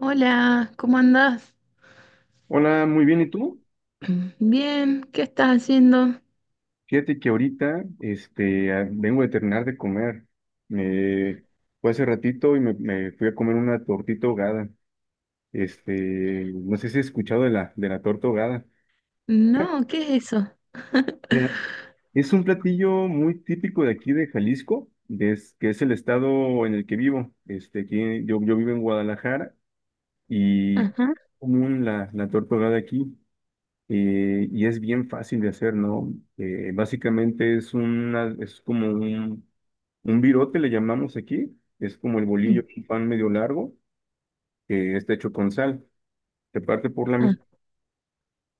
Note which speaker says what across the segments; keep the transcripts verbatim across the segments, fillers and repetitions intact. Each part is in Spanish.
Speaker 1: Hola, ¿cómo andás?
Speaker 2: Hola, muy bien, ¿y tú?
Speaker 1: Bien, ¿qué estás haciendo?
Speaker 2: Fíjate que ahorita este, ah, vengo de terminar de comer. Me fue hace ratito y me, me fui a comer una tortita ahogada. Este, no sé si has escuchado de la, de la torta ahogada.
Speaker 1: No, ¿qué es eso?
Speaker 2: Ya, es un platillo muy típico de aquí de Jalisco, des- que es el estado en el que vivo. Este, aquí, yo, yo vivo en Guadalajara y
Speaker 1: Ajá,
Speaker 2: común la, la torta ahogada aquí. Eh, y es bien fácil de hacer, ¿no? Eh, básicamente es una, es como un, un virote, le llamamos aquí, es como el bolillo, un pan medio largo, que está hecho con sal. Se parte por la,
Speaker 1: ah,
Speaker 2: mi-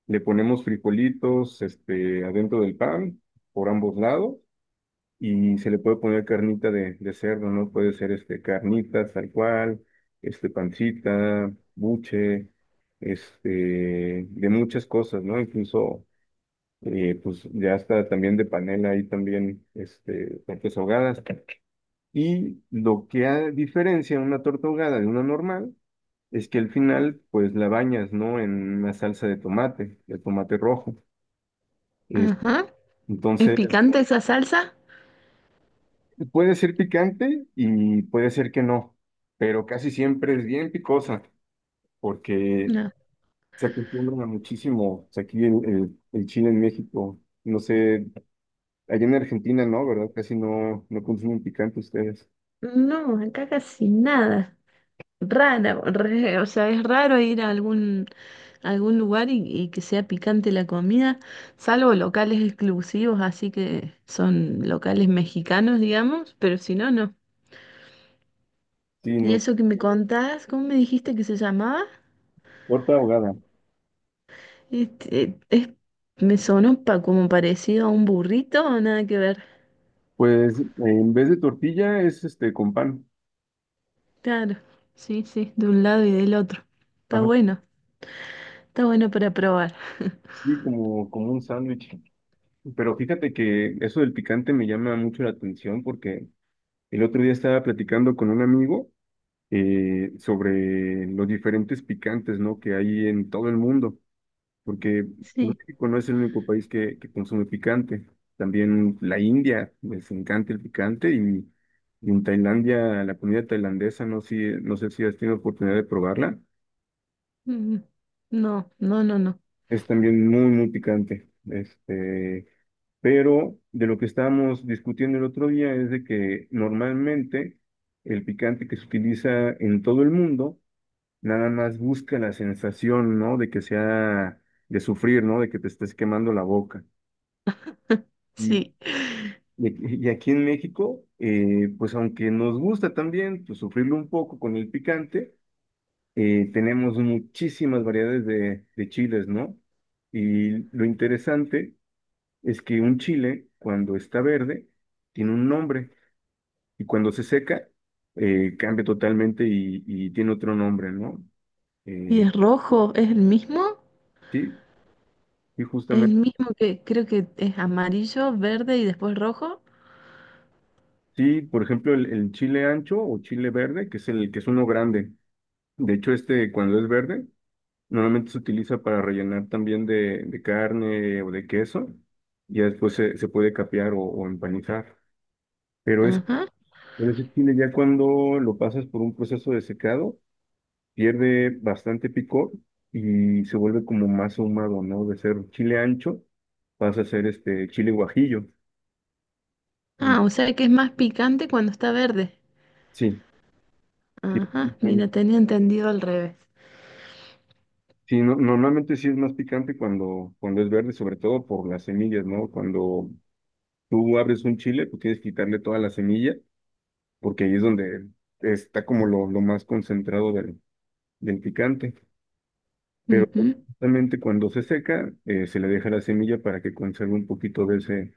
Speaker 2: le ponemos frijolitos, este, adentro del pan, por ambos lados, y se le puede poner carnita de, de cerdo, ¿no? Puede ser, este, carnitas, tal cual, este, pancita, buche, este, de muchas cosas, ¿no? Incluso eh, pues ya está también de panela ahí también este, tortas ahogadas. Y lo que ha- diferencia una torta ahogada de una normal es que al final pues la bañas, ¿no? En una salsa de tomate, de tomate rojo. Es-
Speaker 1: ajá. ¿Es
Speaker 2: entonces
Speaker 1: picante esa salsa?
Speaker 2: puede ser picante y puede ser que no, pero casi siempre es bien picosa porque
Speaker 1: No.
Speaker 2: se acostumbran a muchísimo pues, aquí el, el- el chile en México. No sé, allá en Argentina no, ¿verdad? Casi no, no consumen picante ustedes.
Speaker 1: No, acá casi nada. Rara, re- o sea, es raro ir a algún, a algún lugar y, y que sea picante la comida, salvo locales exclusivos, así que son locales mexicanos, digamos, pero si no, no.
Speaker 2: Sí,
Speaker 1: ¿Y
Speaker 2: no,
Speaker 1: eso que me contás? ¿Cómo me dijiste que se llamaba?
Speaker 2: torta ahogada.
Speaker 1: Este, eh, es- Me sonó pa- como parecido a un burrito o nada que ver.
Speaker 2: Pues eh, en vez de tortilla es este con pan.
Speaker 1: Claro, sí, sí, de un lado y del otro. Está
Speaker 2: Ajá.
Speaker 1: bueno, está bueno para probar.
Speaker 2: Sí, como, como un sándwich. Pero fíjate que eso del picante me llama mucho la atención porque el otro día estaba platicando con un amigo eh, sobre los diferentes picantes, ¿no? Que hay en todo el mundo. Porque
Speaker 1: Sí.
Speaker 2: México no es el único país que, que consume picante. También la India les encanta el picante y, y en Tailandia la comida tailandesa, no, si, no sé si has tenido oportunidad de probarla,
Speaker 1: Mm, no, no, no, no.
Speaker 2: es también muy, muy picante. Este, pero de lo que estábamos discutiendo el otro día es de que normalmente el picante que se utiliza en todo el mundo nada más busca la sensación, ¿no? De que sea de sufrir, ¿no? De que te estés quemando la boca. y
Speaker 1: Sí.
Speaker 2: Y aquí y aquí en México, eh, pues aunque nos gusta también pues, sufrirlo un poco con el picante, eh, tenemos muchísimas variedades de, de chiles, ¿no? Y lo interesante es que un chile, cuando está verde, tiene un nombre y cuando se seca, eh, cambia totalmente y, y tiene otro nombre, ¿no?
Speaker 1: ¿Y
Speaker 2: Eh,
Speaker 1: es rojo? ¿Es el mismo?
Speaker 2: sí, sí,
Speaker 1: ¿Es el
Speaker 2: justamente.
Speaker 1: mismo que creo que es amarillo, verde y después rojo?
Speaker 2: Sí, por ejemplo, el, el chile ancho o chile verde, que es el que es uno grande. De hecho, este cuando es verde, normalmente se utiliza para rellenar también de, de carne o de queso. Ya después se, se puede capear o, o empanizar. Pero es,
Speaker 1: Ajá.
Speaker 2: pero ese chile ya cuando lo pasas por un proceso de secado, pierde bastante picor y se vuelve como más ahumado, ¿no? De ser chile ancho, pasa a ser este chile guajillo. Y
Speaker 1: Ah, o sea que es más picante cuando está verde.
Speaker 2: sí, sí,
Speaker 1: Ajá,
Speaker 2: sí,
Speaker 1: mira, tenía entendido al revés.
Speaker 2: sí, no- normalmente sí es más picante cuando, cuando es verde, sobre todo por las semillas, ¿no? Cuando tú abres un chile, tú tienes que quitarle toda la semilla porque ahí es donde está como lo, lo más concentrado del, del picante. Pero
Speaker 1: Ujú.
Speaker 2: justamente cuando se seca, eh, se le deja la semilla para que conserve un poquito de ese,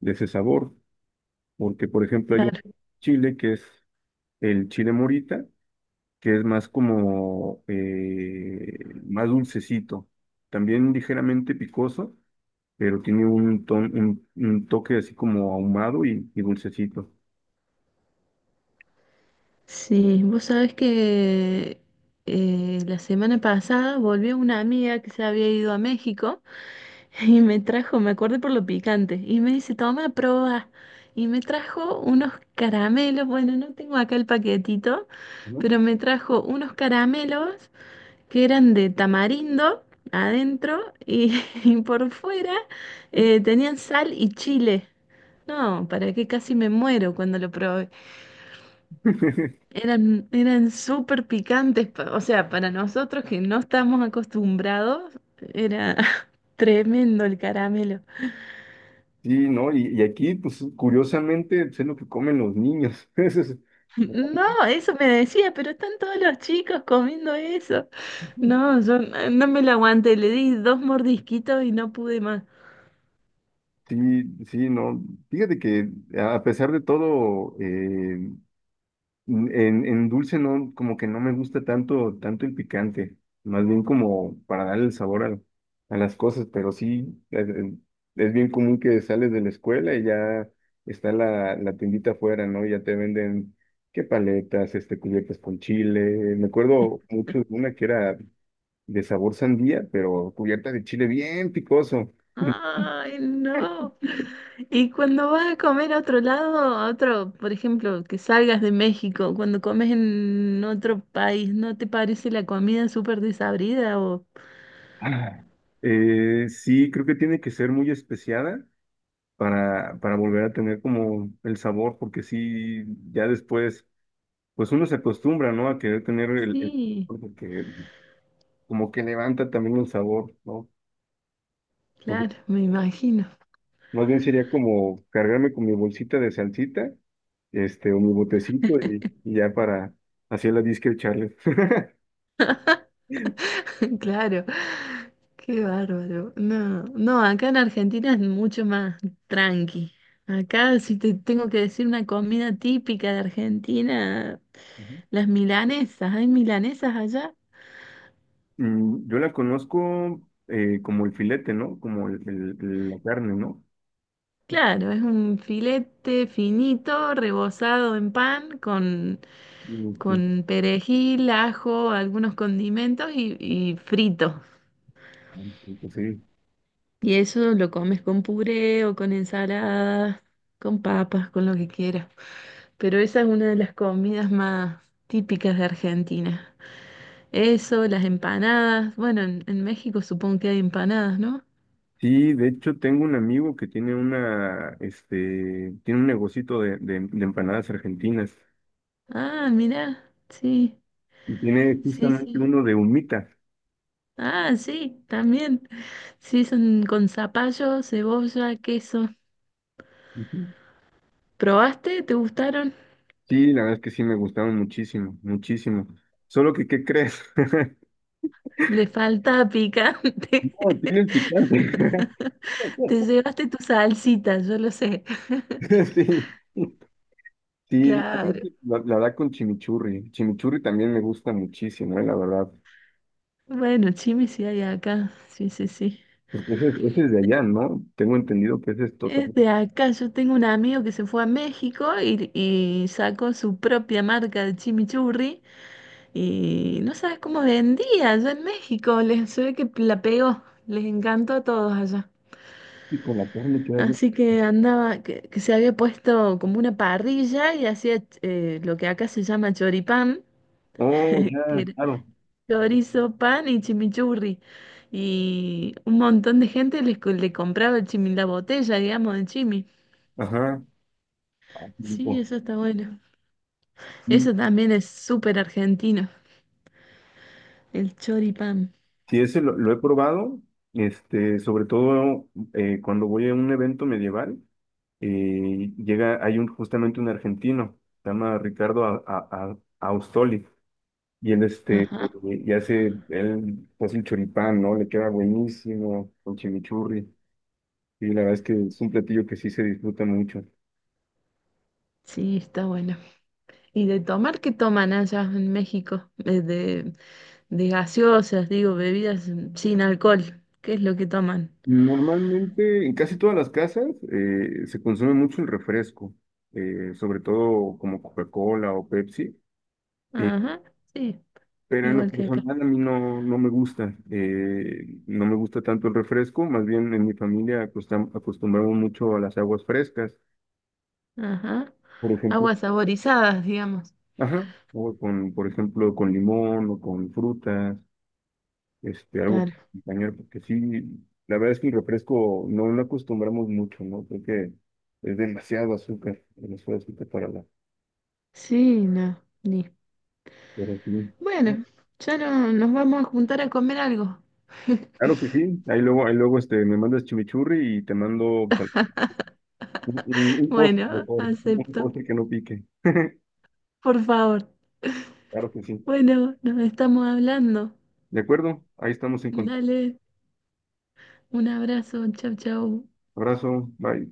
Speaker 2: de ese sabor. Porque, por ejemplo, hay un
Speaker 1: Claro.
Speaker 2: chile que es el chile morita, que es más como, eh, más dulcecito. También ligeramente picoso, pero tiene un, ton- un, un toque así como ahumado y, y dulcecito,
Speaker 1: Sí, vos sabés que eh, la semana pasada volvió una amiga que se había ido a México y me trajo, me acordé por lo picante, y me dice, toma, prueba. Y me trajo unos caramelos, bueno, no tengo acá el paquetito,
Speaker 2: ¿no?
Speaker 1: pero me trajo unos caramelos que eran de tamarindo adentro y, y por fuera eh, tenían sal y chile. No, para qué, casi me muero cuando lo probé. Eran, eran súper picantes, pa- o sea, para nosotros que no estamos acostumbrados, era tremendo el caramelo.
Speaker 2: Sí, ¿no? Y, y aquí, pues curiosamente, pues, es lo que comen los niños. Eso es-
Speaker 1: No, eso me decía, pero están todos los chicos comiendo eso. No, yo no no me lo aguanté, le di dos mordisquitos y no pude más.
Speaker 2: sí, sí, no. Fíjate que a pesar de todo, eh, en, en dulce no, como que no me gusta tanto, tanto el picante, más bien como para darle el sabor a, a las cosas, pero sí, es, es bien común que sales de la escuela y ya está la, la tiendita afuera, ¿no? Ya te venden qué paletas, este, cubiertas con chile. Me acuerdo mucho de una que era de sabor sandía, pero cubierta de chile bien picoso.
Speaker 1: Ay, no. Y cuando vas a comer a otro lado, a otro, por ejemplo, que salgas de México, cuando comes en otro país, ¿no te parece la comida súper desabrida o...
Speaker 2: Ah, eh, sí, creo que tiene que ser muy especiada para, para volver a tener como el sabor, porque sí, ya después, pues uno se acostumbra, ¿no? A querer tener el, el
Speaker 1: Sí,
Speaker 2: porque como que levanta también el sabor, ¿no? Entonces,
Speaker 1: claro, me imagino,
Speaker 2: más bien sería como cargarme con mi bolsita de salsita, este, o mi botecito y, y ya para hacer la disque echarle.
Speaker 1: claro, qué bárbaro. No, no, acá en Argentina es mucho más tranqui. Acá si te tengo que decir una comida típica de Argentina, las milanesas, ¿hay milanesas allá?
Speaker 2: Mm, Yo la conozco eh, como el filete, ¿no? Como el, el- el- la carne, ¿no?
Speaker 1: Claro, es un filete finito, rebozado en pan, con,
Speaker 2: Ok,
Speaker 1: con perejil, ajo, algunos condimentos y, y frito.
Speaker 2: sí.
Speaker 1: Y eso lo comes con puré o con ensalada con papas, con lo que quieras. Pero esa es una de las comidas más típicas de Argentina. Eso, las empanadas. Bueno, en, en México supongo que hay empanadas, ¿no?
Speaker 2: Sí, de hecho tengo un amigo que tiene una, este, tiene un negocito de, de- de empanadas argentinas
Speaker 1: Ah, mira, sí,
Speaker 2: y tiene
Speaker 1: sí,
Speaker 2: justamente
Speaker 1: sí.
Speaker 2: uno de humita.
Speaker 1: Ah, sí, también. Sí, son con zapallo, cebolla, queso.
Speaker 2: Ujú.
Speaker 1: ¿Probaste? ¿Te gustaron?
Speaker 2: Sí, la verdad es que sí me gustaron muchísimo, muchísimo. Solo que, ¿qué crees?
Speaker 1: Le falta picante.
Speaker 2: No, tienen picante.
Speaker 1: Te llevaste tu salsita, yo lo sé.
Speaker 2: Sí. Sí,
Speaker 1: Claro.
Speaker 2: la, la verdad con chimichurri. Chimichurri también me gusta muchísimo, eh, la verdad.
Speaker 1: Bueno, chimi sí hay acá. Sí, sí, sí.
Speaker 2: Pues Ese, es- ese es de allá, ¿no? Tengo entendido que ese es total.
Speaker 1: Es de acá. Yo tengo un amigo que se fue a México y, y sacó su propia marca de chimichurri y no sabes cómo vendía allá en México. Les, se ve que la pegó. Les encantó a todos allá.
Speaker 2: Y con la carne que hay.
Speaker 1: Así que andaba, que, que se había puesto como una parrilla y hacía eh, lo que acá se llama choripán.
Speaker 2: Oh,
Speaker 1: que
Speaker 2: ya,
Speaker 1: era-
Speaker 2: claro.
Speaker 1: Chorizo, pan y chimichurri. Y un montón de gente les co- le compraba el chimi, la botella, digamos, de chimi.
Speaker 2: Ajá. Ah, qué
Speaker 1: Sí,
Speaker 2: rico.
Speaker 1: eso está bueno.
Speaker 2: Sí,
Speaker 1: Eso también es súper argentino, el choripán.
Speaker 2: sí, ese lo, lo he probado, este, sobre todo eh, cuando voy a un evento medieval, eh, llega, hay un, justamente un argentino, se llama Ricardo A- A- A- Austoli. Y él, este,
Speaker 1: Ajá.
Speaker 2: y hace, él hace el choripán, ¿no? Le queda buenísimo con chimichurri. Y la verdad es que es un platillo que sí se disfruta mucho.
Speaker 1: Sí, está bueno. ¿Y de tomar qué toman allá en México? Eh, De, de gaseosas, digo, bebidas mm, sin alcohol. ¿Qué es lo que toman?
Speaker 2: Normalmente, en casi todas las casas, eh, se consume mucho el refresco, eh, sobre todo como Coca-Cola o Pepsi. eh,
Speaker 1: Ajá, sí,
Speaker 2: pero en lo
Speaker 1: igual que acá.
Speaker 2: personal a mí no, no me gusta, eh, no me gusta tanto el refresco, más bien en mi familia acostam- acostumbramos mucho a las aguas frescas.
Speaker 1: Ajá.
Speaker 2: Por ejemplo,
Speaker 1: Aguas saborizadas, digamos.
Speaker 2: ajá, o con, por ejemplo, con limón o con frutas, este, algo
Speaker 1: Claro.
Speaker 2: compañero, porque sí, la verdad es que el refresco no lo acostumbramos mucho, ¿no? Creo que es demasiado azúcar, demasiado azúcar para la,
Speaker 1: Sí, no. Ni
Speaker 2: pero sí.
Speaker 1: bueno, ya no, nos vamos a juntar a comer algo.
Speaker 2: Claro que sí, ahí luego, ahí luego, este, me mandas chimichurri y te mando, pues, al- un, un- un postre
Speaker 1: Bueno,
Speaker 2: mejor, un
Speaker 1: acepto,
Speaker 2: postre que no pique,
Speaker 1: por favor.
Speaker 2: claro que sí.
Speaker 1: Bueno, nos estamos hablando.
Speaker 2: De acuerdo, ahí estamos en contacto.
Speaker 1: Dale, un abrazo, chau, chau.
Speaker 2: Abrazo, bye.